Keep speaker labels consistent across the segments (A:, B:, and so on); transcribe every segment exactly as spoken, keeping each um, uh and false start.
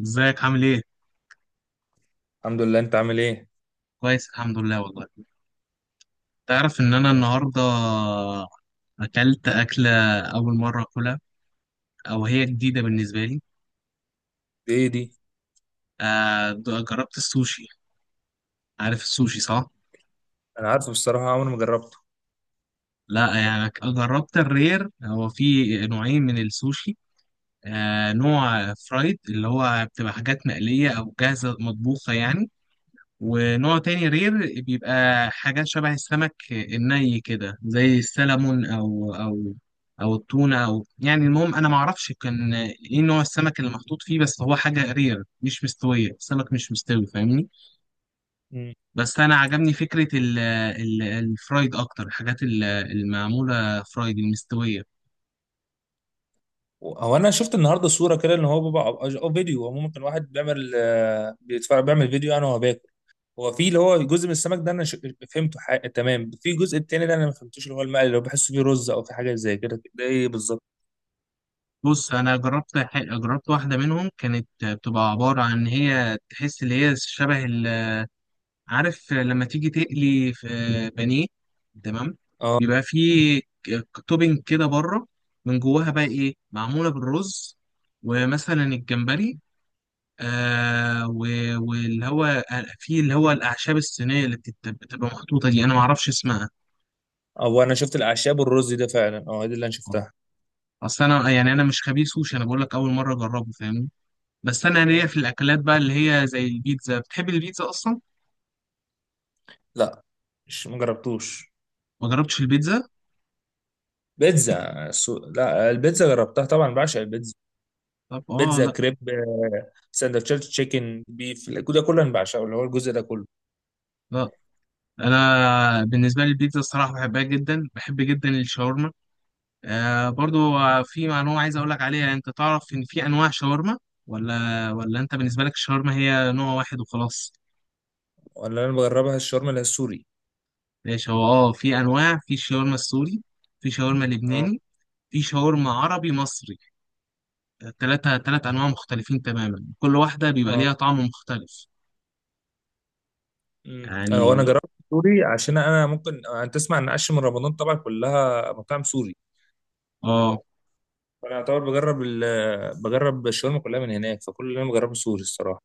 A: ازيك عامل ايه؟
B: الحمد لله. انت عامل ايه؟
A: كويس الحمد لله والله. تعرف ان انا النهارده اكلت اكله، اول مره اكلها، او هي جديده بالنسبه لي.
B: ايه دي؟
A: آه د- جربت السوشي. عارف السوشي صح؟
B: انا عارفه بصراحه، عمري ما جربته.
A: لا، يعني ك- جربت الرير. هو في نوعين من السوشي. آه نوع فرايد اللي هو بتبقى حاجات مقليه او جاهزه مطبوخه يعني، ونوع تاني رير بيبقى حاجات شبه السمك الني كده زي السلمون او او او التونه، او يعني المهم انا ما اعرفش كان ايه نوع السمك اللي محطوط فيه، بس هو حاجه رير مش مستويه، السمك مش مستوي فاهمني.
B: مم.
A: بس انا عجبني فكره ال ال الفرايد اكتر، الحاجات ال- المعموله فرايد المستويه.
B: هو انا شفت النهارده صوره كده ان هو بيبقى، او فيديو، هو ممكن واحد بيعمل آه، بيتفرج بيعمل فيديو انا وهو باكل. هو في اللي هو جزء من السمك ده انا ش- فهمته حق... تمام. في الجزء التاني ده انا ما فهمتوش، اللي هو المقلي اللي هو بحسه فيه رز او في حاجه زي كده، ده ايه بالظبط؟
A: بص انا جربت ح- جربت واحده منهم، كانت بتبقى عباره عن، هي تحس اللي هي شبه، عارف لما تيجي تقلي في بانيه، تمام،
B: اه.
A: بيبقى فيه توبينج كده بره، من جواها بقى ايه معموله بالرز ومثلا الجمبري. آه و- واللي هو في اللي هو الاعشاب الصينيه اللي بتت- بتبقى محطوطه دي انا ما اعرفش اسمها.
B: هو انا شفت الاعشاب والرز ده فعلا، اه، دي اللي انا شفتها.
A: اصل انا، آه، يعني انا مش خبير سوشي، انا بقول لك اول مره اجربه فاهمني. بس انا ليا
B: مم.
A: في الاكلات بقى اللي هي زي البيتزا، بتحب البيتزا اصلا؟
B: لا، مش ما جربتوش.
A: ما جربتش البيتزا؟
B: بيتزا سو... لا، البيتزا جربتها طبعا، بعشق البيتزا.
A: طب اه،
B: بيتزا
A: لا.
B: كريب، سندوتشات تشيكن بيف، الجو ده كله انا بعشقه، اللي هو الجزء ده كله.
A: لا انا بالنسبه لي البيتزا الصراحه بحبها جدا، بحب جدا الشاورما. آه برضو، آه، في معلومه عايز اقول لك عليها. انت تعرف ان في انواع شاورما؟ ولا ولا انت بالنسبه لك الشاورما هي نوع واحد وخلاص؟
B: ولا انا بجربها الشاورما اللي هي السوري.
A: ماشي. هو اه في انواع، في شاورما السوري، في شاورما
B: اه.
A: لبناني، في شاورما عربي مصري. ثلاثة ثلاث انواع مختلفين تماما، كل واحده بيبقى
B: اه.
A: ليها طعم مختلف
B: أمم. هو انا
A: يعني.
B: جربت السوري عشان انا ممكن انت تسمع ان عش من رمضان طبعا كلها مطاعم سوري.
A: اه
B: فانا اعتبر بجرب ال... بجرب الشاورما كلها من هناك، فكل اللي انا بجربه سوري الصراحه.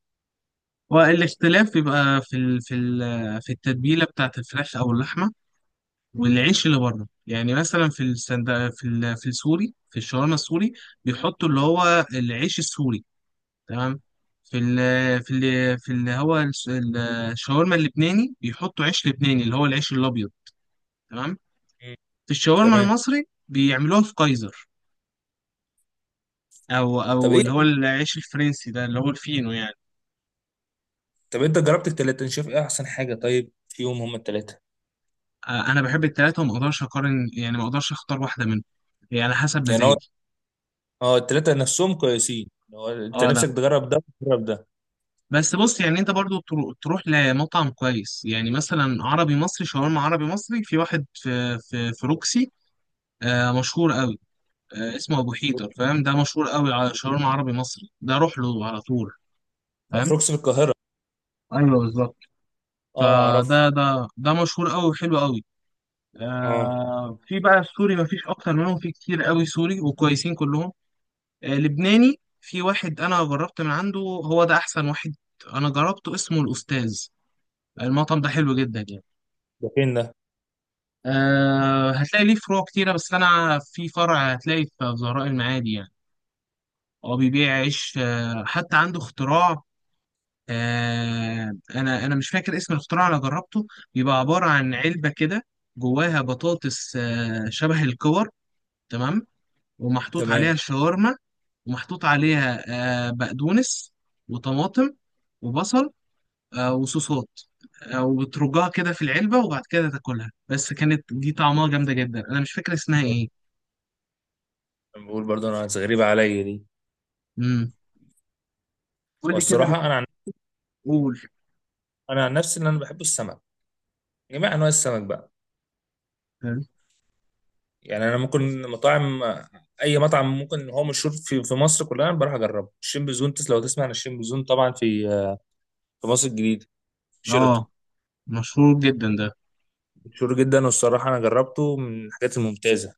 A: والاختلاف بيبقى في ال... في ال... في التتبيله بتاعت الفراخ او اللحمه، والعيش اللي بره. يعني مثلا في السند... في ال... في السوري، في الشاورما السوري بيحطوا اللي هو العيش السوري، تمام. في ال... في ال... في اللي هو الس- ال- الشاورما اللبناني بيحطوا عيش لبناني، اللي هو العيش الابيض، تمام.
B: أمم.
A: في الشاورما
B: تمام.
A: المصري بيعملوها في كايزر، او
B: طب
A: او اللي هو
B: ايه
A: العيش الفرنسي ده اللي هو الفينو يعني.
B: طب انت جربت التلاته، انت شايف ايه احسن حاجه طيب فيهم هم التلاته؟
A: آه، انا بحب التلاته وما اقدرش اقارن، يعني ما اقدرش اختار واحده منهم، يعني على حسب
B: يعني هو،
A: مزاجي.
B: اه، التلاته نفسهم كويسين. هو انت
A: اه
B: نفسك
A: لا.
B: تجرب ده تجرب ده.
A: بس بص يعني انت برضو ترو- تروح لمطعم كويس، يعني مثلا عربي مصري، شاورما عربي مصري في واحد في في, في روكسي. آه مشهور قوي. آه اسمه ابو حيدر، فاهم؟ ده مشهور قوي على شاورما عربي مصري، ده روح له على طول،
B: ده
A: فاهم؟
B: فروكس في القاهره.
A: ايوه بالظبط.
B: اه اعرف.
A: فده ده ده مشهور قوي وحلو قوي.
B: اه.
A: آه في بقى السوري، مفيش اكتر منهم، في كتير قوي سوري وكويسين كلهم. آه لبناني في واحد انا جربت من عنده، هو ده احسن واحد انا جربته، اسمه الاستاذ. المطعم ده حلو جدا يعني.
B: ده فين ده؟
A: أه هتلاقي ليه فروع كتيرة، بس أنا في فرع هتلاقي في زهراء المعادي يعني. هو بيبيع عيش. أه حتى عنده اختراع. أه أنا أنا مش فاكر اسم الاختراع. أنا جربته، بيبقى عبارة عن علبة كده، جواها بطاطس أه شبه الكور، تمام، ومحطوط
B: تمام.
A: عليها شاورما، ومحطوط عليها أه بقدونس وطماطم وبصل، أه وصوصات، أه وبترجها كده في العلبة، وبعد كده تاكلها. بس كانت دي طعمها جامدة جدا، أنا مش فاكر اسمها إيه.
B: بقول برضه انا غريبه عليا دي.
A: امم قول
B: هو
A: لي
B: الصراحه
A: كده.
B: انا عن...
A: بتقول؟
B: انا عن نفسي ان انا بحب السمك. جميع انواع السمك بقى. يعني انا ممكن مطاعم، اي مطعم ممكن هو مشهور في في مصر كلها انا بروح اجربه. الشين بزون، تس- لو تسمع عن الشين بزون، طبعا في، في مصر الجديده،
A: اه،
B: شيراتون.
A: مشهور جدا ده.
B: مشهور جدا، والصراحه انا جربته من الحاجات الممتازه.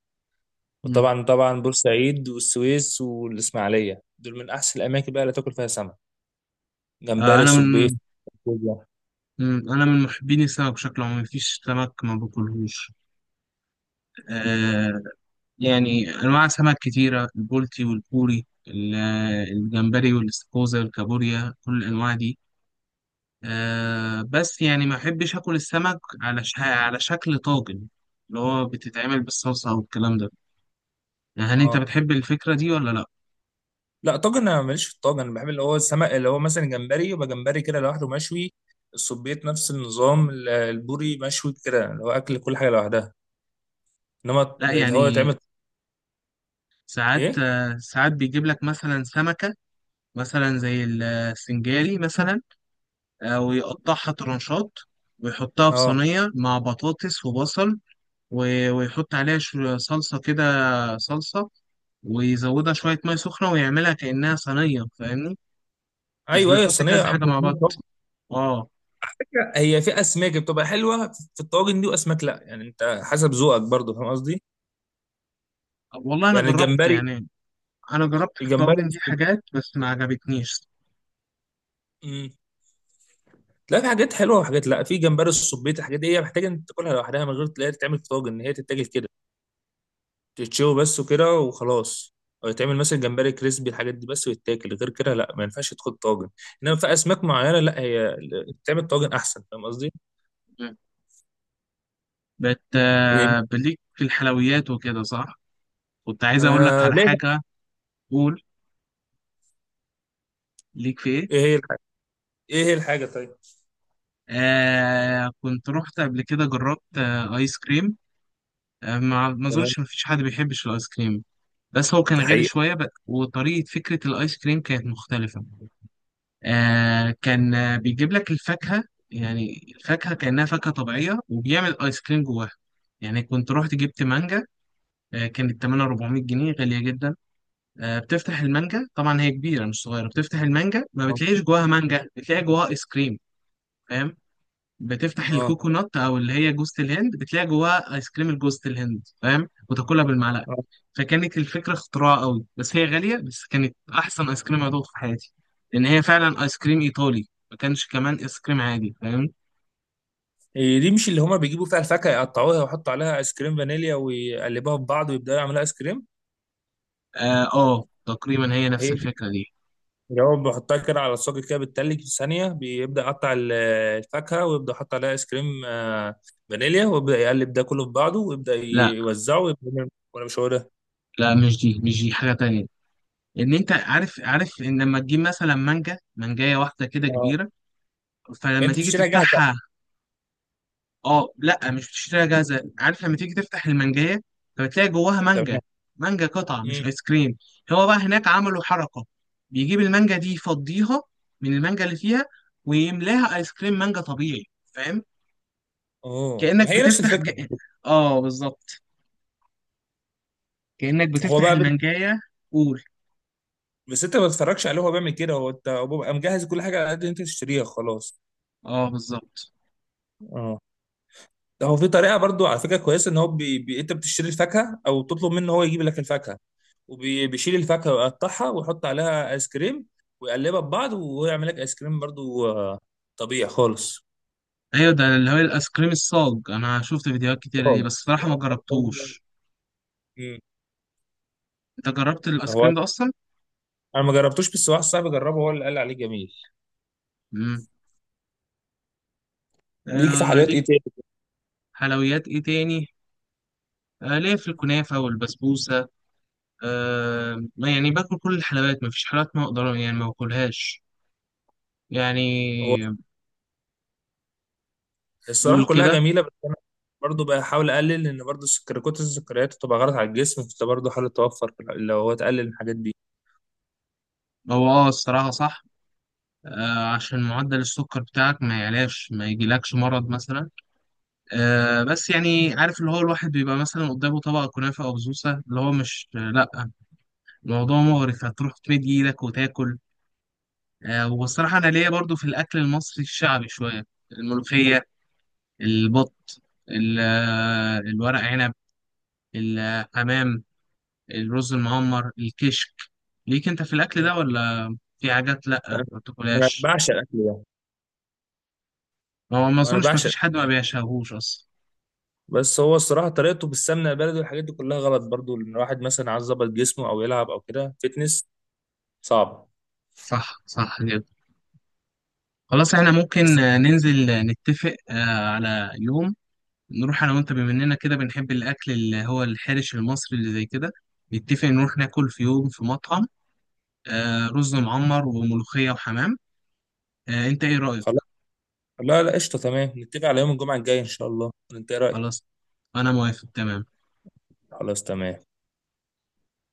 A: امم
B: وطبعا طبعا بورسعيد والسويس والاسماعيليه دول من احسن الاماكن بقى اللي تاكل فيها سمك،
A: آه
B: جمبري،
A: انا
B: صبيط،
A: من
B: كوبيا.
A: مم. انا من محبين السمك بشكل عام، مفيش سمك ما باكلهوش. آه يعني انواع سمك كتيره، البولتي والبوري ال- الجمبري والاستاكوزا والكابوريا، كل الانواع دي. آه بس يعني ما احبش اكل السمك على ش... على شكل طاجن، اللي هو بتتعمل بالصلصه والكلام ده. هل انت
B: اه.
A: بتحب الفكره دي ولا لا؟
B: لا، طاجن انا ماليش في الطاجن. انا بحب اللي هو السمك اللي هو مثلا جمبري يبقى جمبري كده لوحده مشوي. السبيط نفس النظام، ال- البوري مشوي كده، اللي هو اكل كل حاجه لوحدها. انما
A: لا
B: اللي هو
A: يعني،
B: يتعمل
A: ساعات
B: ايه.
A: آه، ساعات بيجيب لك مثلا سمكة مثلا زي السنجاري مثلا، آه، ويقطعها ترانشات، ويحطها في
B: اه.
A: صينية مع بطاطس وبصل، و- ويحط عليها شو- صلصة كده، صلصة، ويزودها شوية مية سخنة ويعملها كأنها صينية فاهمني. مش
B: ايوه ايوه،
A: بيحط
B: الصينيه
A: كذا حاجة
B: عامله
A: مع بعض.
B: صينية طاجن.
A: اه
B: على فكرة، هي في اسماك بتبقى حلوه في الطاجن دي واسماك لا، يعني انت حسب ذوقك برضو، فاهم قصدي؟
A: والله أنا
B: يعني
A: جربت
B: الجمبري.
A: يعني، أنا جربت في
B: الجمبري.
A: الطواجن دي حاجات بس ما عجبتنيش.
B: مم. لا، في حاجات حلوه وحاجات لا. في جمبري، السبيط، الحاجات دي هي محتاجه انت تاكلها لوحدها من غير تلاقيها تتعمل في طاجن، ان هي تتاكل كده، تتشوي بس وكده وخلاص. أو يتعمل مثلا جمبري كريسبي، الحاجات دي بس ويتاكل غير كده، لا، ما ينفعش تاخد طاجن. انما في اسماك معينه، لا، هي بتعمل طاجن احسن، فاهم قصدي؟
A: مم. بت
B: إيه؟
A: آه، بليك في الحلويات وكده صح؟ كنت عايز أقول لك
B: انا
A: على
B: ليه.
A: حاجة. قول، ليك في ايه؟
B: ايه هي الحاجه؟ ايه هي الحاجه طيب؟
A: آه كنت رحت قبل كده جربت آه ايس كريم. آه ما ما
B: تمام.
A: اظنش ما فيش حد بيحبش الايس كريم. بس هو كان
B: ده
A: غالي
B: حقيقة.
A: شويه ب... وطريقه، فكره الايس كريم كانت مختلفه. آه كان، آه، بيجيب لك الفاكهه. يعني الفاكهه كانها فاكهه طبيعيه وبيعمل ايس كريم جواها. يعني كنت رحت جبت مانجا، آه، كانت تمنها اربعمئة جنيه، غالية جدا. آه، بتفتح المانجا، طبعا هي كبيرة مش صغيرة، بتفتح المانجا ما
B: اه.
A: بتلاقيش جواها مانجا، بتلاقي جواها ايس كريم، فاهم؟ بتفتح
B: اه.
A: الكوكونات او اللي هي جوزة الهند، بتلاقي جواها ايس كريم جوزة الهند، فاهم؟ وتاكلها بالمعلقه.
B: آه.
A: فكانت الفكره اختراع قوي، بس هي غاليه، بس كانت احسن ايس كريم ادوقه في حياتي، لان هي فعلا ايس كريم ايطالي. ما كانش كمان ايس كريم عادي، فاهم؟
B: إيه دي مش اللي هما بيجيبوا فيها الفاكهة يقطعوها ويحطوا عليها ايس كريم فانيليا ويقلبوها في بعض ويبدأوا يعملوا ايس كريم؟
A: اه، آه، تقريبا هي نفس
B: هي
A: الفكره دي.
B: جواب بحطها كده على الصاج، كده بتتلج في ثانية، بيبدأ يقطع ال- الفاكهة، ويبدأ يحط عليها ايس كريم آه، فانيليا، ويبدأ يقلب ده كله في بعضه، ويبدأ
A: لا
B: يوزعه، ويبدأ يعمل- ولا مش هو ده؟
A: لا، مش دي مش دي حاجه تانية. ان انت عارف عارف ان لما تجيب مثلا مانجا، مانجايه واحده كده
B: اه.
A: كبيره،
B: يعني
A: فلما
B: انت
A: تيجي
B: بتشتريها جاهزة؟
A: تفتحها. اه لا، مش بتشتريها جاهزه. عارف لما تيجي تفتح المانجايه، فبتلاقي جواها مانجا،
B: تمام.
A: مانجا قطعه مش
B: مم.
A: ايس كريم. هو بقى هناك عملوا حركه، بيجيب المانجا دي يفضيها من المانجا اللي فيها، ويملاها ايس كريم مانجا طبيعي، فاهم؟
B: اوه،
A: كانك
B: ما هي نفس
A: بتفتح ج...
B: الفكرة.
A: اه بالظبط، كانك
B: هو
A: بتفتح
B: بقى بي-
A: المانجايه. قول.
B: بس انت ما تتفرجش عليه هو بيعمل كده، هو انت، هو بيبقى مجهز كل حاجة على قد انت تشتريها خلاص.
A: اه بالظبط.
B: اه. هو في طريقه برضو على فكره كويسه، ان هو بي... بي... انت بتشتري الفاكهه او تطلب منه هو يجيب لك الفاكهه، وبيشيل الفاكهه ويقطعها ويحط عليها ايس كريم، ويقلبها ببعض ويعمل لك ايس كريم برضو، آه، طبيعي خالص.
A: ايوه ده اللي هو الايس كريم الصاج، انا شفت فيديوهات كتير
B: آه.
A: ليه بس صراحه ما جربتوش.
B: مم.
A: انت جربت الايس
B: هو
A: كريم ده اصلا؟
B: انا ما جربتوش، بس واحد صاحبي جربه هو اللي قال عليه جميل.
A: امم
B: ليك في
A: آه
B: حلويات
A: ليك
B: ايه تاني؟
A: حلويات ايه تاني آه، ليا في الكنافة والبسبوسة. آه يعني باكل كل الحلويات، مفيش حلويات ما اقدر يعني ما باكلهاش يعني.
B: هو الصراحه
A: قول
B: كلها
A: كده.
B: جميله، بس انا برضو بحاول اقلل، لان برضو السكر، كتر السكريات بتبقى غلط على الجسم، فانت برضو حاول توفر في الح- لو هو تقلل الحاجات دي.
A: هو اه الصراحة صح. آه عشان معدل السكر بتاعك ما يعلاش، ما يجيلكش مرض مثلا. آه بس يعني عارف اللي هو الواحد بيبقى مثلا قدامه طبق كنافة أو بسبوسة اللي هو مش، آه لأ، الموضوع مغري، هتروح تمد إيدك وتاكل. آه والصراحة أنا ليا برضو في الأكل المصري الشعبي شوية، الملوخية، البط، ال- آه، الورق عنب، الحمام، الرز المعمر، الكشك. ليك انت في الاكل
B: مم.
A: ده، ولا في حاجات لا
B: انا
A: ما
B: أنا
A: بتاكلهاش؟
B: بعشق الاكل ده.
A: هو ما
B: انا
A: اظنش ما
B: بعشق.
A: فيش حد ما بيشهوش اصلا.
B: بس هو الصراحه طريقته بالسمنه البلدي والحاجات دي كلها غلط برضو، ان الواحد مثلا عايز يظبط جسمه او يلعب او كده فيتنس صعب.
A: صح، صح جدا. خلاص احنا ممكن
B: بس.
A: آه، ننزل آه، نتفق آه، على يوم، نروح انا وانت، بما اننا كده بنحب الاكل اللي هو الحرش المصري اللي زي كده. نتفق نروح ناكل في يوم في مطعم، آه، رز معمر وملوخية وحمام. آه، انت ايه رأيك؟
B: خلاص. لا لا، قشطه، تمام، نتفق على يوم الجمعه الجاي ان شاء الله، انت ايه رايك؟
A: خلاص انا موافق تمام.
B: خلاص تمام.